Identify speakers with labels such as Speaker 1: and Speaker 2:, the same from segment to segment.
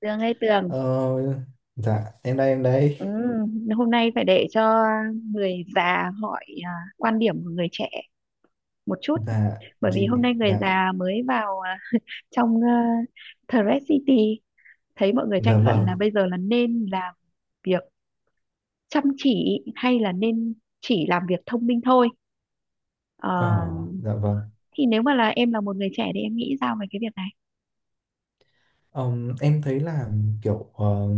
Speaker 1: Tường ơi Tường,
Speaker 2: Ờ, dạ em đây em đây.
Speaker 1: ừ, hôm nay phải để cho người già hỏi, à, quan điểm của người trẻ một chút.
Speaker 2: Dạ
Speaker 1: Bởi vì
Speaker 2: chị.
Speaker 1: hôm nay người
Speaker 2: Dạ.
Speaker 1: già mới vào, à, trong, à, Thread City thấy mọi người tranh
Speaker 2: Dạ
Speaker 1: luận
Speaker 2: vâng.
Speaker 1: là bây giờ là nên làm việc chăm chỉ hay là nên chỉ làm việc thông minh thôi.
Speaker 2: ờ
Speaker 1: Ờ,
Speaker 2: dạ vâng.
Speaker 1: thì nếu mà là em là một người trẻ thì em nghĩ sao về cái việc này?
Speaker 2: Em thấy là kiểu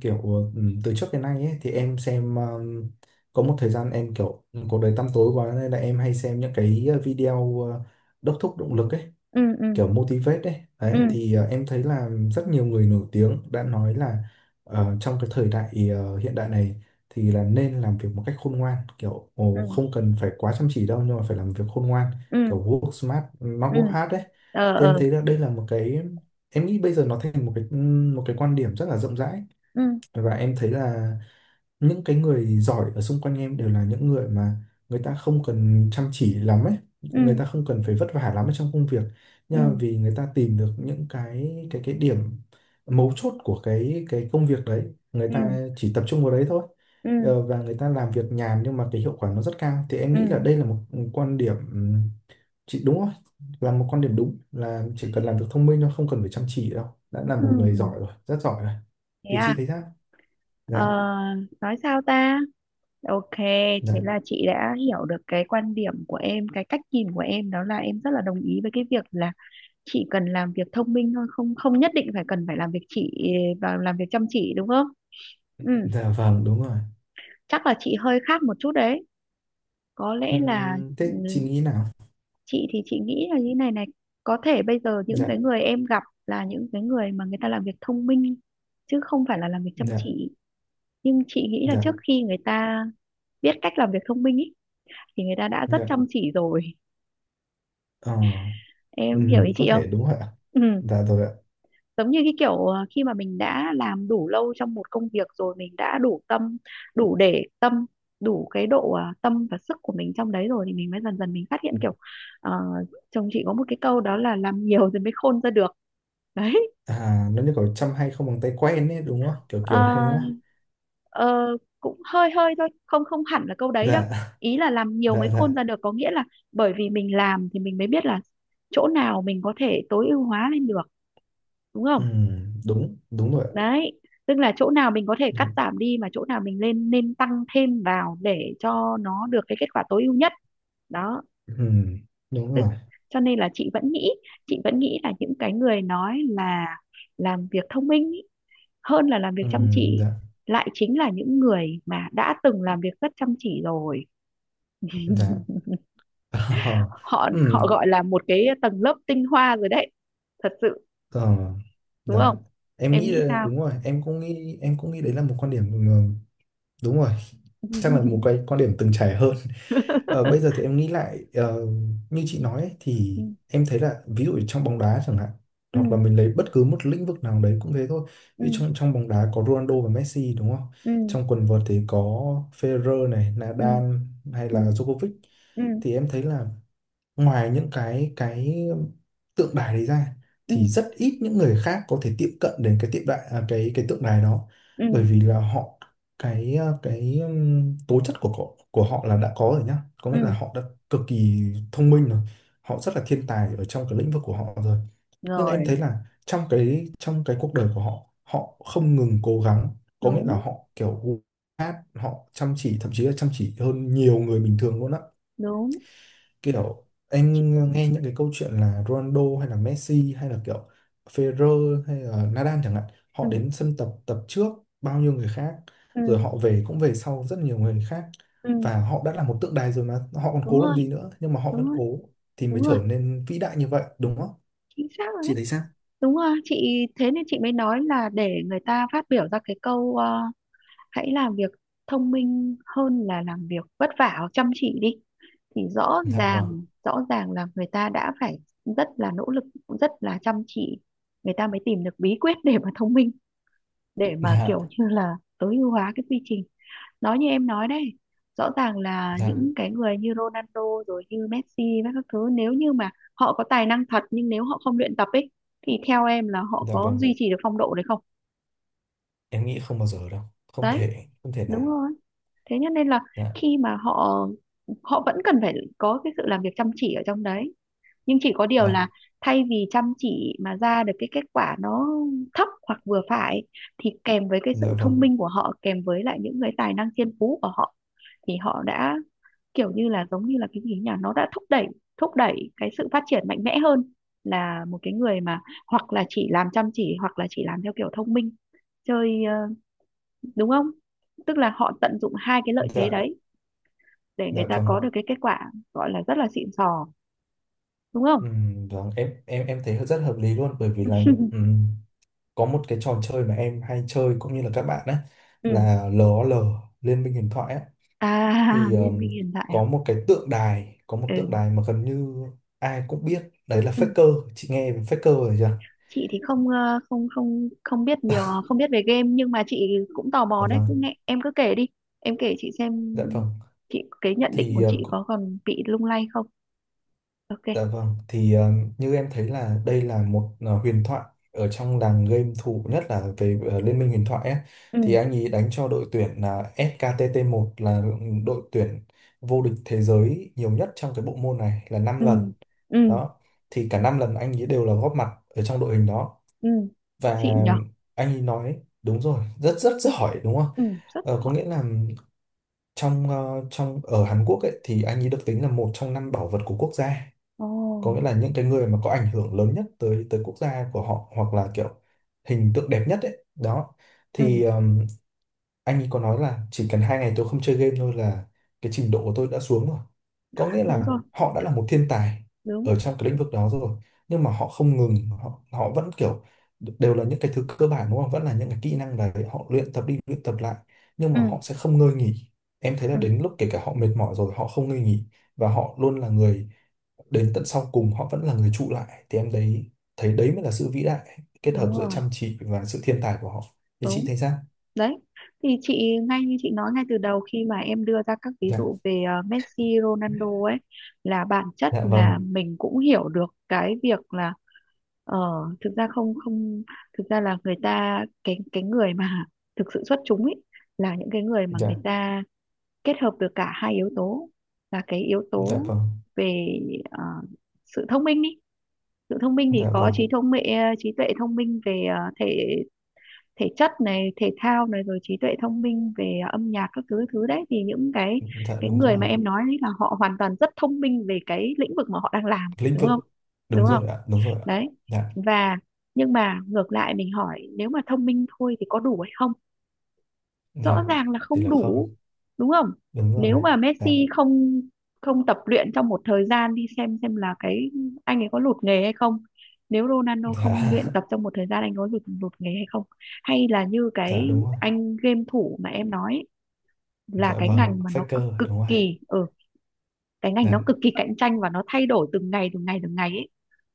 Speaker 2: kiểu từ trước đến nay ấy, thì em xem có một thời gian em kiểu cuộc đời tăm tối quá nên là em hay xem những cái video đốc thúc động lực ấy,
Speaker 1: Ừ ừ,
Speaker 2: kiểu motivate đấy
Speaker 1: ừ
Speaker 2: đấy. Thì em thấy là rất nhiều người nổi tiếng đã nói là trong cái thời đại hiện đại này thì là nên làm việc một cách khôn ngoan, kiểu
Speaker 1: ừ,
Speaker 2: ồ, không cần phải quá chăm chỉ đâu nhưng mà phải làm việc khôn ngoan,
Speaker 1: ừ
Speaker 2: kiểu work smart not
Speaker 1: ừ,
Speaker 2: work hard đấy.
Speaker 1: ờ
Speaker 2: Thì em
Speaker 1: ờ,
Speaker 2: thấy là đây là một cái, em nghĩ bây giờ nó thành một cái quan điểm rất là rộng rãi.
Speaker 1: ừ
Speaker 2: Và em thấy là những cái người giỏi ở xung quanh em đều là những người mà người ta không cần chăm chỉ lắm ấy, người
Speaker 1: ừ
Speaker 2: ta không cần phải vất vả lắm ở trong công việc, nhưng mà
Speaker 1: ừ
Speaker 2: vì người ta tìm được những cái điểm mấu chốt của cái công việc đấy, người
Speaker 1: ừ,
Speaker 2: ta chỉ tập trung vào đấy thôi.
Speaker 1: ừ
Speaker 2: Và người ta làm việc nhàn nhưng mà cái hiệu quả nó rất cao, thì em
Speaker 1: ừ,
Speaker 2: nghĩ là đây là một quan điểm, chị đúng không? Là một quan điểm đúng là chỉ cần làm việc thông minh thôi, không cần phải chăm chỉ đâu, đã là
Speaker 1: ừ
Speaker 2: một người giỏi rồi, rất giỏi rồi.
Speaker 1: Thế
Speaker 2: Thì chị
Speaker 1: à?
Speaker 2: thấy sao?
Speaker 1: ờ,
Speaker 2: Dạ.
Speaker 1: nói sao ta? Ok, thế
Speaker 2: Dạ.
Speaker 1: là chị đã hiểu được cái quan điểm của em, cái cách nhìn của em đó là em rất là đồng ý với cái việc là chị cần làm việc thông minh thôi, không không nhất định phải cần phải làm việc chị và làm việc chăm chỉ đúng không? Ừ,
Speaker 2: Dạ vâng, đúng rồi.
Speaker 1: chắc là chị hơi khác một chút đấy. Có lẽ là, ừ,
Speaker 2: Thế chị nghĩ nào?
Speaker 1: chị thì chị nghĩ là như này này, có thể bây giờ những cái
Speaker 2: Dạ,
Speaker 1: người em gặp là những cái người mà người ta làm việc thông minh chứ không phải là làm việc chăm
Speaker 2: dạ,
Speaker 1: chỉ, nhưng chị nghĩ là trước
Speaker 2: dạ,
Speaker 1: khi người ta biết cách làm việc thông minh ý, thì người ta đã rất
Speaker 2: dạ.
Speaker 1: chăm chỉ rồi.
Speaker 2: Ờ,
Speaker 1: Em hiểu ý
Speaker 2: có
Speaker 1: chị
Speaker 2: thể
Speaker 1: không?
Speaker 2: đúng rồi ạ.
Speaker 1: Ừ.
Speaker 2: Dạ rồi ạ.
Speaker 1: Giống như cái kiểu, ờ, khi mà mình đã làm đủ lâu trong một công việc rồi mình đã đủ tâm, đủ để tâm, đủ cái độ, ờ, tâm và sức của mình trong đấy rồi thì mình mới dần dần mình phát hiện kiểu, ờ, chồng chị có một cái câu đó là làm nhiều rồi mới khôn ra được, đấy.
Speaker 2: À, nó như kiểu chăm hay không bằng tay quen ấy, đúng không? Kiểu kiểu đấy
Speaker 1: Ờ,
Speaker 2: đúng không?
Speaker 1: ờ, Cũng hơi hơi thôi không không hẳn là câu đấy đâu.
Speaker 2: Dạ,
Speaker 1: Ý là làm nhiều
Speaker 2: dạ,
Speaker 1: mới khôn
Speaker 2: dạ.
Speaker 1: ra được có nghĩa là bởi vì mình làm thì mình mới biết là chỗ nào mình có thể tối ưu hóa lên được, đúng không?
Speaker 2: Đúng, đúng rồi ạ.
Speaker 1: Đấy, tức là chỗ nào mình có thể
Speaker 2: Dạ.
Speaker 1: cắt giảm đi mà chỗ nào mình lên nên tăng thêm vào để cho nó được cái kết quả tối ưu nhất, đó.
Speaker 2: Ừm, đúng
Speaker 1: Tức,
Speaker 2: rồi.
Speaker 1: cho nên là chị vẫn nghĩ là những cái người nói là làm việc thông minh ý, hơn là làm việc chăm chỉ
Speaker 2: Dạ,
Speaker 1: lại chính là những người mà đã từng làm việc rất chăm chỉ rồi.
Speaker 2: dạ. Ờ,
Speaker 1: họ họ
Speaker 2: ừm,
Speaker 1: gọi là một cái tầng lớp tinh hoa rồi đấy, thật sự.
Speaker 2: ờ,
Speaker 1: Đúng
Speaker 2: dạ.
Speaker 1: không?
Speaker 2: Em
Speaker 1: Em
Speaker 2: nghĩ
Speaker 1: nghĩ
Speaker 2: là
Speaker 1: sao?
Speaker 2: đúng rồi, em cũng nghĩ, đấy là một quan điểm, đúng rồi, chắc là một cái quan điểm từng trải hơn. Bây giờ thì em nghĩ lại, như chị nói ấy,
Speaker 1: Ừ
Speaker 2: thì em thấy là ví dụ trong bóng đá chẳng hạn, hoặc là
Speaker 1: ừ,
Speaker 2: mình lấy bất cứ một lĩnh vực nào đấy cũng thế thôi.
Speaker 1: ừ
Speaker 2: Ví dụ trong trong bóng đá có Ronaldo và Messi, đúng không?
Speaker 1: ừ,
Speaker 2: Trong quần vợt thì có Federer này,
Speaker 1: ừ
Speaker 2: Nadal hay
Speaker 1: ừ,
Speaker 2: là Djokovic.
Speaker 1: ừ
Speaker 2: Thì em thấy là ngoài những cái tượng đài đấy ra,
Speaker 1: ừ,
Speaker 2: thì rất ít những người khác có thể tiếp cận đến cái tượng đài à, cái tượng đài đó,
Speaker 1: ừ
Speaker 2: bởi vì là họ, cái ờ, cái tố chất của họ, là đã có rồi nhá, có
Speaker 1: ừ,
Speaker 2: nghĩa là họ đã cực kỳ thông minh rồi, họ rất là thiên tài ở trong cái lĩnh vực của họ rồi. Nhưng em
Speaker 1: rồi
Speaker 2: thấy là trong cái cuộc đời của họ, họ không ngừng cố gắng, có nghĩa là
Speaker 1: đúng
Speaker 2: họ kiểu hát họ chăm chỉ, thậm chí là chăm chỉ hơn nhiều người bình thường luôn á.
Speaker 1: đúng
Speaker 2: Kiểu
Speaker 1: chị,
Speaker 2: em nghe những cái câu chuyện là Ronaldo hay là Messi hay là kiểu Federer hay là Nadal chẳng hạn,
Speaker 1: ừ
Speaker 2: họ đến sân tập, tập trước bao nhiêu người khác,
Speaker 1: ừ
Speaker 2: rồi họ về cũng về sau rất nhiều người khác.
Speaker 1: ừ,
Speaker 2: Và họ đã là một tượng đài rồi mà họ còn
Speaker 1: đúng
Speaker 2: cố
Speaker 1: rồi,
Speaker 2: làm gì nữa, nhưng mà họ vẫn
Speaker 1: đúng rồi,
Speaker 2: cố thì
Speaker 1: đúng
Speaker 2: mới
Speaker 1: rồi,
Speaker 2: trở nên vĩ đại như vậy, đúng không?
Speaker 1: chính xác rồi
Speaker 2: Chị
Speaker 1: đấy.
Speaker 2: thấy sao?
Speaker 1: Đúng rồi chị thế nên chị mới nói là để người ta phát biểu ra cái câu, ờ, hãy làm việc thông minh hơn là làm việc vất vả hoặc chăm chỉ đi, thì rõ
Speaker 2: Dạ
Speaker 1: ràng
Speaker 2: vâng,
Speaker 1: rõ ràng là người ta đã phải rất là nỗ lực, rất là chăm chỉ, người ta mới tìm được bí quyết để mà thông minh, để mà
Speaker 2: dạ,
Speaker 1: kiểu như là tối ưu hóa cái quy trình, nói như em nói đấy. Rõ ràng là
Speaker 2: dạ,
Speaker 1: những cái người như Ronaldo rồi như Messi và các thứ nếu như mà họ có tài năng thật nhưng nếu họ không luyện tập ấy, thì theo em là họ
Speaker 2: dạ
Speaker 1: có
Speaker 2: vâng,
Speaker 1: duy trì được phong độ đấy không?
Speaker 2: em nghĩ không bao giờ đâu, không
Speaker 1: Đấy,
Speaker 2: thể, không thể
Speaker 1: đúng
Speaker 2: nào.
Speaker 1: rồi. Thế cho nên là
Speaker 2: Dạ,
Speaker 1: khi mà họ, họ vẫn cần phải có cái sự làm việc chăm chỉ ở trong đấy, nhưng chỉ có điều
Speaker 2: dạ,
Speaker 1: là thay vì chăm chỉ mà ra được cái kết quả nó thấp hoặc vừa phải thì kèm với cái
Speaker 2: dạ
Speaker 1: sự thông
Speaker 2: vâng,
Speaker 1: minh của họ kèm với lại những cái tài năng thiên phú của họ thì họ đã kiểu như là giống như là cái gì nhỉ, nó đã thúc đẩy cái sự phát triển mạnh mẽ hơn là một cái người mà hoặc là chỉ làm chăm chỉ hoặc là chỉ làm theo kiểu thông minh chơi, đúng không? Tức là họ tận dụng hai cái lợi thế
Speaker 2: dạ,
Speaker 1: đấy để người
Speaker 2: dạ
Speaker 1: ta
Speaker 2: vâng.
Speaker 1: có được cái kết quả gọi là rất là xịn sò, đúng
Speaker 2: Ừ,
Speaker 1: không?
Speaker 2: vâng, em thấy rất hợp lý luôn, bởi vì là ừ, có một cái trò chơi mà em hay chơi cũng như là các bạn ấy,
Speaker 1: Ừ,
Speaker 2: là LOL, Liên minh huyền thoại ấy.
Speaker 1: à
Speaker 2: Thì
Speaker 1: Liên minh hiện tại à.
Speaker 2: có một tượng
Speaker 1: Ừ.
Speaker 2: đài mà gần như ai cũng biết đấy là
Speaker 1: Ừ,
Speaker 2: Faker. Chị nghe về Faker rồi chưa?
Speaker 1: chị thì không, không biết nhiều, không biết về game nhưng mà chị cũng tò mò
Speaker 2: Dạ
Speaker 1: đấy,
Speaker 2: vâng,
Speaker 1: cứ nghe em cứ kể đi, em kể chị xem.
Speaker 2: dạ vâng,
Speaker 1: Chị cái nhận định của
Speaker 2: thì
Speaker 1: chị có còn bị lung lay không? Ok.
Speaker 2: dạ vâng, thì như em thấy là đây là một huyền thoại ở trong làng game thủ, nhất là về Liên minh huyền thoại ấy. Thì
Speaker 1: Ừ
Speaker 2: anh ấy đánh cho đội tuyển là SKTT1, là đội tuyển vô địch thế giới nhiều nhất trong cái bộ môn này là năm
Speaker 1: ừ,
Speaker 2: lần.
Speaker 1: ừ
Speaker 2: Đó, thì cả 5 lần anh ấy đều là góp mặt ở trong đội hình đó.
Speaker 1: ừ,
Speaker 2: Và
Speaker 1: xịn nhở.
Speaker 2: anh ấy nói đúng rồi, rất rất giỏi, đúng không?
Speaker 1: Ừ rất
Speaker 2: Có
Speaker 1: giỏi.
Speaker 2: nghĩa là trong ờ, trong ở Hàn Quốc ấy, thì anh ấy được tính là một trong 5 bảo vật của quốc gia,
Speaker 1: Ồ.
Speaker 2: có nghĩa là những cái người mà có ảnh hưởng lớn nhất tới tới quốc gia của họ, hoặc là kiểu hình tượng đẹp nhất ấy đó.
Speaker 1: Ừ
Speaker 2: Thì anh ấy có nói là chỉ cần 2 ngày tôi không chơi game thôi là cái trình độ của tôi đã xuống rồi, có nghĩa
Speaker 1: đúng
Speaker 2: là
Speaker 1: rồi.
Speaker 2: họ đã là một thiên tài
Speaker 1: Đúng.
Speaker 2: ở trong cái lĩnh vực đó rồi, nhưng mà họ không ngừng, họ họ vẫn kiểu đều là những cái thứ cơ bản, đúng không, vẫn là những cái kỹ năng đấy, họ luyện tập đi luyện tập lại, nhưng mà
Speaker 1: Ừ
Speaker 2: họ sẽ không ngơi nghỉ. Em thấy là
Speaker 1: ừ,
Speaker 2: đến lúc kể cả họ mệt mỏi rồi họ không ngơi nghỉ, và họ luôn là người đến tận sau cùng, họ vẫn là người trụ lại, thì em đấy thấy đấy mới là sự vĩ đại, kết hợp
Speaker 1: đúng
Speaker 2: giữa
Speaker 1: rồi.
Speaker 2: chăm chỉ và sự thiên tài của họ. Thì chị
Speaker 1: Đúng.
Speaker 2: thấy sao?
Speaker 1: Đấy, thì chị ngay như chị nói ngay từ đầu khi mà em đưa ra các ví
Speaker 2: Dạ.
Speaker 1: dụ về, ờ, Messi, Ronaldo ấy, là bản chất
Speaker 2: Dạ
Speaker 1: là
Speaker 2: vâng.
Speaker 1: mình cũng hiểu được cái việc là, ờ, thực ra không không thực ra là người ta cái người mà thực sự xuất chúng ấy là những cái người mà người
Speaker 2: Dạ.
Speaker 1: ta kết hợp được cả hai yếu tố, là cái yếu
Speaker 2: Dạ
Speaker 1: tố
Speaker 2: vâng.
Speaker 1: về, ờ, sự thông minh đi. Sự thông minh thì
Speaker 2: Dạ
Speaker 1: có
Speaker 2: vâng.
Speaker 1: trí thông minh, trí tuệ thông minh về, ờ, thể thể chất này, thể thao này rồi trí tuệ thông minh về, à, âm nhạc các thứ thứ đấy, thì những
Speaker 2: Dạ.
Speaker 1: cái
Speaker 2: Đúng
Speaker 1: người
Speaker 2: rồi.
Speaker 1: mà em nói đấy là họ hoàn toàn rất thông minh về cái lĩnh vực mà họ đang làm
Speaker 2: Lĩnh
Speaker 1: đúng
Speaker 2: vực.
Speaker 1: không?
Speaker 2: Đúng
Speaker 1: Đúng không?
Speaker 2: rồi ạ. Đúng rồi ạ.
Speaker 1: Đấy.
Speaker 2: Dạ.
Speaker 1: Và nhưng mà ngược lại mình hỏi nếu mà thông minh thôi thì có đủ hay không? Rõ
Speaker 2: Dạ.
Speaker 1: ràng là
Speaker 2: Thì
Speaker 1: không
Speaker 2: là
Speaker 1: đủ,
Speaker 2: không.
Speaker 1: đúng không?
Speaker 2: Đúng rồi.
Speaker 1: Nếu mà
Speaker 2: Dạ.
Speaker 1: Messi không không tập luyện trong một thời gian đi xem là cái anh ấy có lụt nghề hay không? Nếu Ronaldo không luyện
Speaker 2: Dạ.
Speaker 1: tập trong một thời gian anh có lụt lụt nghề hay không? Hay là như
Speaker 2: Dạ.
Speaker 1: cái
Speaker 2: Đúng rồi.
Speaker 1: anh game thủ mà em nói ấy, là
Speaker 2: Dạ
Speaker 1: cái
Speaker 2: vâng.
Speaker 1: ngành mà nó cực,
Speaker 2: Faker.
Speaker 1: cực
Speaker 2: Đúng rồi.
Speaker 1: kỳ ở, ừ, cái ngành nó
Speaker 2: Dạ.
Speaker 1: cực kỳ cạnh tranh và nó thay đổi từng ngày từng ngày từng ngày ấy,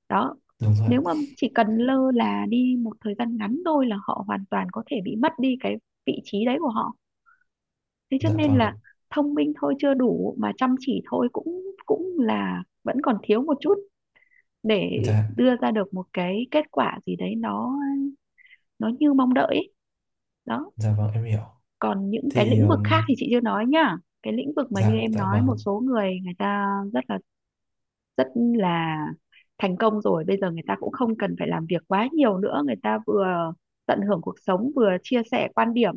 Speaker 1: đó.
Speaker 2: Đúng rồi
Speaker 1: Nếu
Speaker 2: ạ.
Speaker 1: mà chỉ cần lơ là đi một thời gian ngắn thôi là họ hoàn toàn có thể bị mất đi cái vị trí đấy của họ, thế cho
Speaker 2: Dạ
Speaker 1: nên
Speaker 2: vâng.
Speaker 1: là thông minh thôi chưa đủ mà chăm chỉ thôi cũng cũng là vẫn còn thiếu một chút để
Speaker 2: Dạ.
Speaker 1: đưa ra được một cái kết quả gì đấy nó như mong đợi ấy. Đó,
Speaker 2: Dạ vâng. Em hiểu.
Speaker 1: còn những cái
Speaker 2: Thì
Speaker 1: lĩnh vực khác thì chị chưa nói nhá. Cái lĩnh vực mà như
Speaker 2: dạ.
Speaker 1: em
Speaker 2: Dạ
Speaker 1: nói
Speaker 2: vâng.
Speaker 1: một số người người ta rất là rất là thành công rồi bây giờ người ta cũng không cần phải làm việc quá nhiều nữa, người ta vừa tận hưởng cuộc sống vừa chia sẻ quan điểm,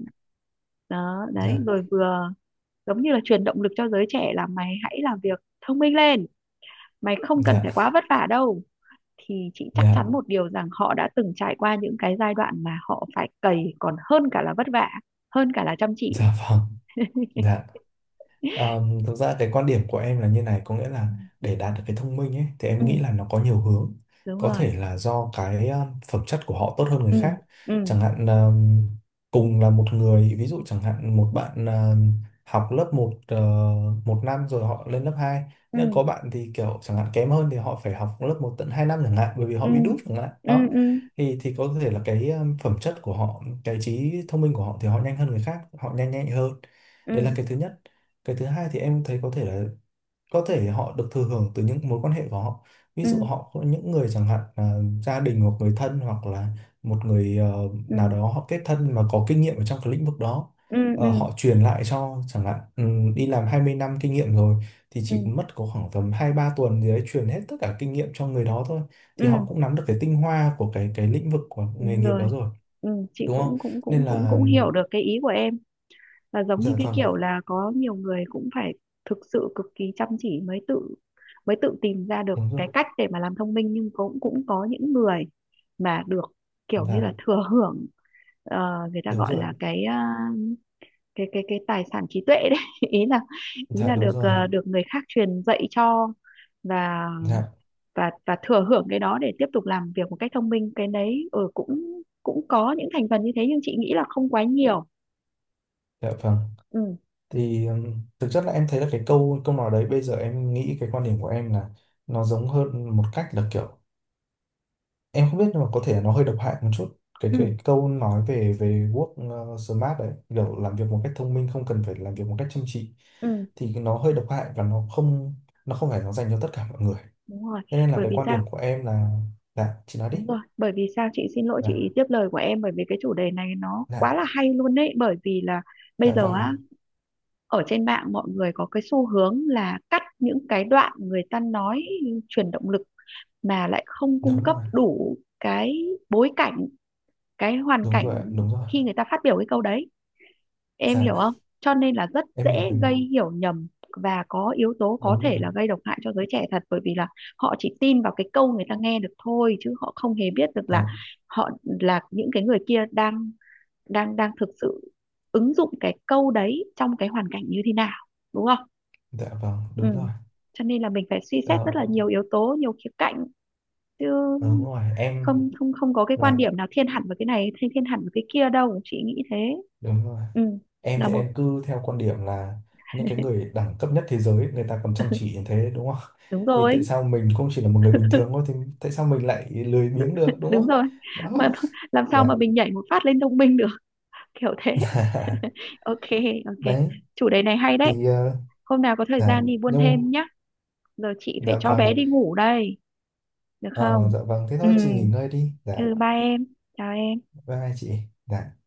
Speaker 1: đó đấy
Speaker 2: Dạ.
Speaker 1: rồi vừa giống như là truyền động lực cho giới trẻ là mày hãy làm việc thông minh lên, mày không cần phải
Speaker 2: Dạ.
Speaker 1: quá vất vả đâu, thì chị chắc chắn
Speaker 2: Dạ.
Speaker 1: một điều rằng họ đã từng trải qua những cái giai đoạn mà họ phải cày còn hơn cả là vất vả, hơn cả là chăm chỉ.
Speaker 2: Dạ vâng. Dạ. Thực ra cái quan điểm của em là như này, có nghĩa là
Speaker 1: Ừ,
Speaker 2: để đạt được cái thông minh ấy, thì em
Speaker 1: ừ,
Speaker 2: nghĩ là nó có nhiều hướng.
Speaker 1: đúng
Speaker 2: Có
Speaker 1: rồi.
Speaker 2: thể là do cái phẩm chất của họ tốt hơn người
Speaker 1: Ừ
Speaker 2: khác.
Speaker 1: ừ,
Speaker 2: Chẳng hạn, cùng là một người, ví dụ chẳng hạn một bạn học lớp một, một năm rồi họ lên lớp hai, nhưng
Speaker 1: ừ
Speaker 2: có bạn thì kiểu chẳng hạn kém hơn thì họ phải học lớp một tận 2 năm chẳng hạn, bởi vì họ
Speaker 1: ừ,
Speaker 2: bị đút chẳng hạn.
Speaker 1: ừ
Speaker 2: Đó.
Speaker 1: ừ,
Speaker 2: Thì, có thể là cái phẩm chất của họ, cái trí thông minh của họ thì họ nhanh hơn người khác, họ nhanh nhạy hơn, đấy là
Speaker 1: ừ
Speaker 2: cái thứ nhất. Cái thứ hai thì em thấy có thể họ được thừa hưởng từ những mối quan hệ của họ, ví dụ
Speaker 1: ừ,
Speaker 2: họ có những người chẳng hạn là gia đình hoặc người thân, hoặc là một người nào
Speaker 1: ừ
Speaker 2: đó họ kết thân mà có kinh nghiệm ở trong cái lĩnh vực đó.
Speaker 1: ừ, ừ
Speaker 2: Họ truyền lại cho chẳng hạn, đi làm 20 năm kinh nghiệm rồi, thì
Speaker 1: ừ,
Speaker 2: chỉ mất có khoảng tầm 2-3 tuần gì đấy truyền hết tất cả kinh nghiệm cho người đó thôi, thì họ
Speaker 1: ừ
Speaker 2: cũng nắm được cái tinh hoa của cái lĩnh vực, của nghề
Speaker 1: đúng
Speaker 2: nghiệp
Speaker 1: rồi.
Speaker 2: đó rồi,
Speaker 1: Ừ, chị
Speaker 2: đúng không?
Speaker 1: cũng cũng cũng
Speaker 2: Nên
Speaker 1: cũng
Speaker 2: là.
Speaker 1: cũng hiểu được cái ý của em là giống
Speaker 2: Dạ
Speaker 1: như cái
Speaker 2: vâng.
Speaker 1: kiểu là có nhiều người cũng phải thực sự cực kỳ chăm chỉ mới tự tìm ra được
Speaker 2: Đúng rồi.
Speaker 1: cái cách để mà làm thông minh, nhưng cũng cũng có những người mà được kiểu như là
Speaker 2: Dạ.
Speaker 1: thừa hưởng, ờ, người ta
Speaker 2: Đúng
Speaker 1: gọi
Speaker 2: rồi.
Speaker 1: là cái, ờ, cái tài sản trí tuệ đấy ý là, ý
Speaker 2: Dạ.
Speaker 1: là
Speaker 2: Đúng
Speaker 1: được,
Speaker 2: rồi.
Speaker 1: được người khác truyền dạy cho, và
Speaker 2: Dạ.
Speaker 1: và thừa hưởng cái đó để tiếp tục làm việc một cách thông minh, cái đấy ừ, cũng cũng có những thành phần như thế nhưng chị nghĩ là không quá nhiều.
Speaker 2: Dạ vâng.
Speaker 1: Ừ
Speaker 2: Thì thực chất là em thấy là cái câu câu nói đấy, bây giờ em nghĩ cái quan điểm của em là nó giống hơn một cách là kiểu em không biết, nhưng mà có thể nó hơi độc hại một chút, cái
Speaker 1: ừ,
Speaker 2: cái câu nói về về work smart đấy, kiểu làm việc một cách thông minh không cần phải làm việc một cách chăm chỉ,
Speaker 1: ừ
Speaker 2: thì nó hơi độc hại, và nó không phải nó dành cho tất cả mọi người.
Speaker 1: đúng rồi
Speaker 2: Thế nên là
Speaker 1: bởi
Speaker 2: cái
Speaker 1: vì
Speaker 2: quan
Speaker 1: sao?
Speaker 2: điểm của em là. Dạ, chị nói đi.
Speaker 1: Đúng rồi bởi vì sao, chị xin lỗi
Speaker 2: Dạ.
Speaker 1: chị tiếp lời của em bởi vì cái chủ đề này nó quá
Speaker 2: Dạ.
Speaker 1: là hay luôn đấy, bởi vì là bây
Speaker 2: Dạ
Speaker 1: giờ
Speaker 2: vâng.
Speaker 1: á, ở trên mạng mọi người có cái xu hướng là cắt những cái đoạn người ta nói truyền động lực mà lại không cung
Speaker 2: Đúng
Speaker 1: cấp
Speaker 2: rồi.
Speaker 1: đủ cái bối cảnh, cái hoàn
Speaker 2: Đúng
Speaker 1: cảnh
Speaker 2: rồi ạ, đúng rồi.
Speaker 1: khi người ta phát biểu cái câu đấy, em hiểu
Speaker 2: Dạ.
Speaker 1: không? Cho nên là rất
Speaker 2: Em hiểu,
Speaker 1: dễ
Speaker 2: em
Speaker 1: gây
Speaker 2: hiểu.
Speaker 1: hiểu nhầm và có yếu tố có
Speaker 2: Đúng rồi.
Speaker 1: thể là gây độc hại cho giới trẻ thật, bởi vì là họ chỉ tin vào cái câu người ta nghe được thôi chứ họ không hề biết được là
Speaker 2: Dạ.
Speaker 1: họ là những cái người kia đang đang đang thực sự ứng dụng cái câu đấy trong cái hoàn cảnh như thế nào, đúng không?
Speaker 2: Dạ vâng.
Speaker 1: Ừ.
Speaker 2: Đúng rồi.
Speaker 1: Cho nên là mình phải suy xét rất là
Speaker 2: Đó,
Speaker 1: nhiều yếu tố, nhiều khía cạnh chứ
Speaker 2: đúng rồi em
Speaker 1: không, không có cái quan
Speaker 2: là,
Speaker 1: điểm nào thiên hẳn vào cái này thiên thiên hẳn vào cái kia đâu, chị nghĩ thế.
Speaker 2: đúng rồi,
Speaker 1: Ừ.
Speaker 2: em
Speaker 1: Là
Speaker 2: thì
Speaker 1: một,
Speaker 2: em cứ theo quan điểm là những cái người đẳng cấp nhất thế giới người ta còn chăm chỉ như thế, đúng không?
Speaker 1: đúng
Speaker 2: Thì tại
Speaker 1: rồi,
Speaker 2: sao mình cũng chỉ là một người bình thường thôi thì tại sao mình lại lười biếng được, đúng
Speaker 1: đúng
Speaker 2: không?
Speaker 1: rồi.
Speaker 2: Đó.
Speaker 1: Mà làm sao
Speaker 2: Dạ.
Speaker 1: mà mình nhảy một phát lên thông minh được, kiểu thế. Ok, ok,
Speaker 2: Đấy,
Speaker 1: chủ đề này hay đấy,
Speaker 2: thì
Speaker 1: hôm nào có thời
Speaker 2: dạ
Speaker 1: gian đi buôn
Speaker 2: nhưng
Speaker 1: thêm nhá. Giờ chị phải
Speaker 2: dạ
Speaker 1: cho
Speaker 2: vâng,
Speaker 1: bé đi ngủ đây, được
Speaker 2: ờ,
Speaker 1: không?
Speaker 2: dạ vâng, thế
Speaker 1: Ừ,
Speaker 2: thôi chị nghỉ ngơi đi. Dạ.
Speaker 1: ừ bye em, chào em.
Speaker 2: Bye bye chị. Dạ.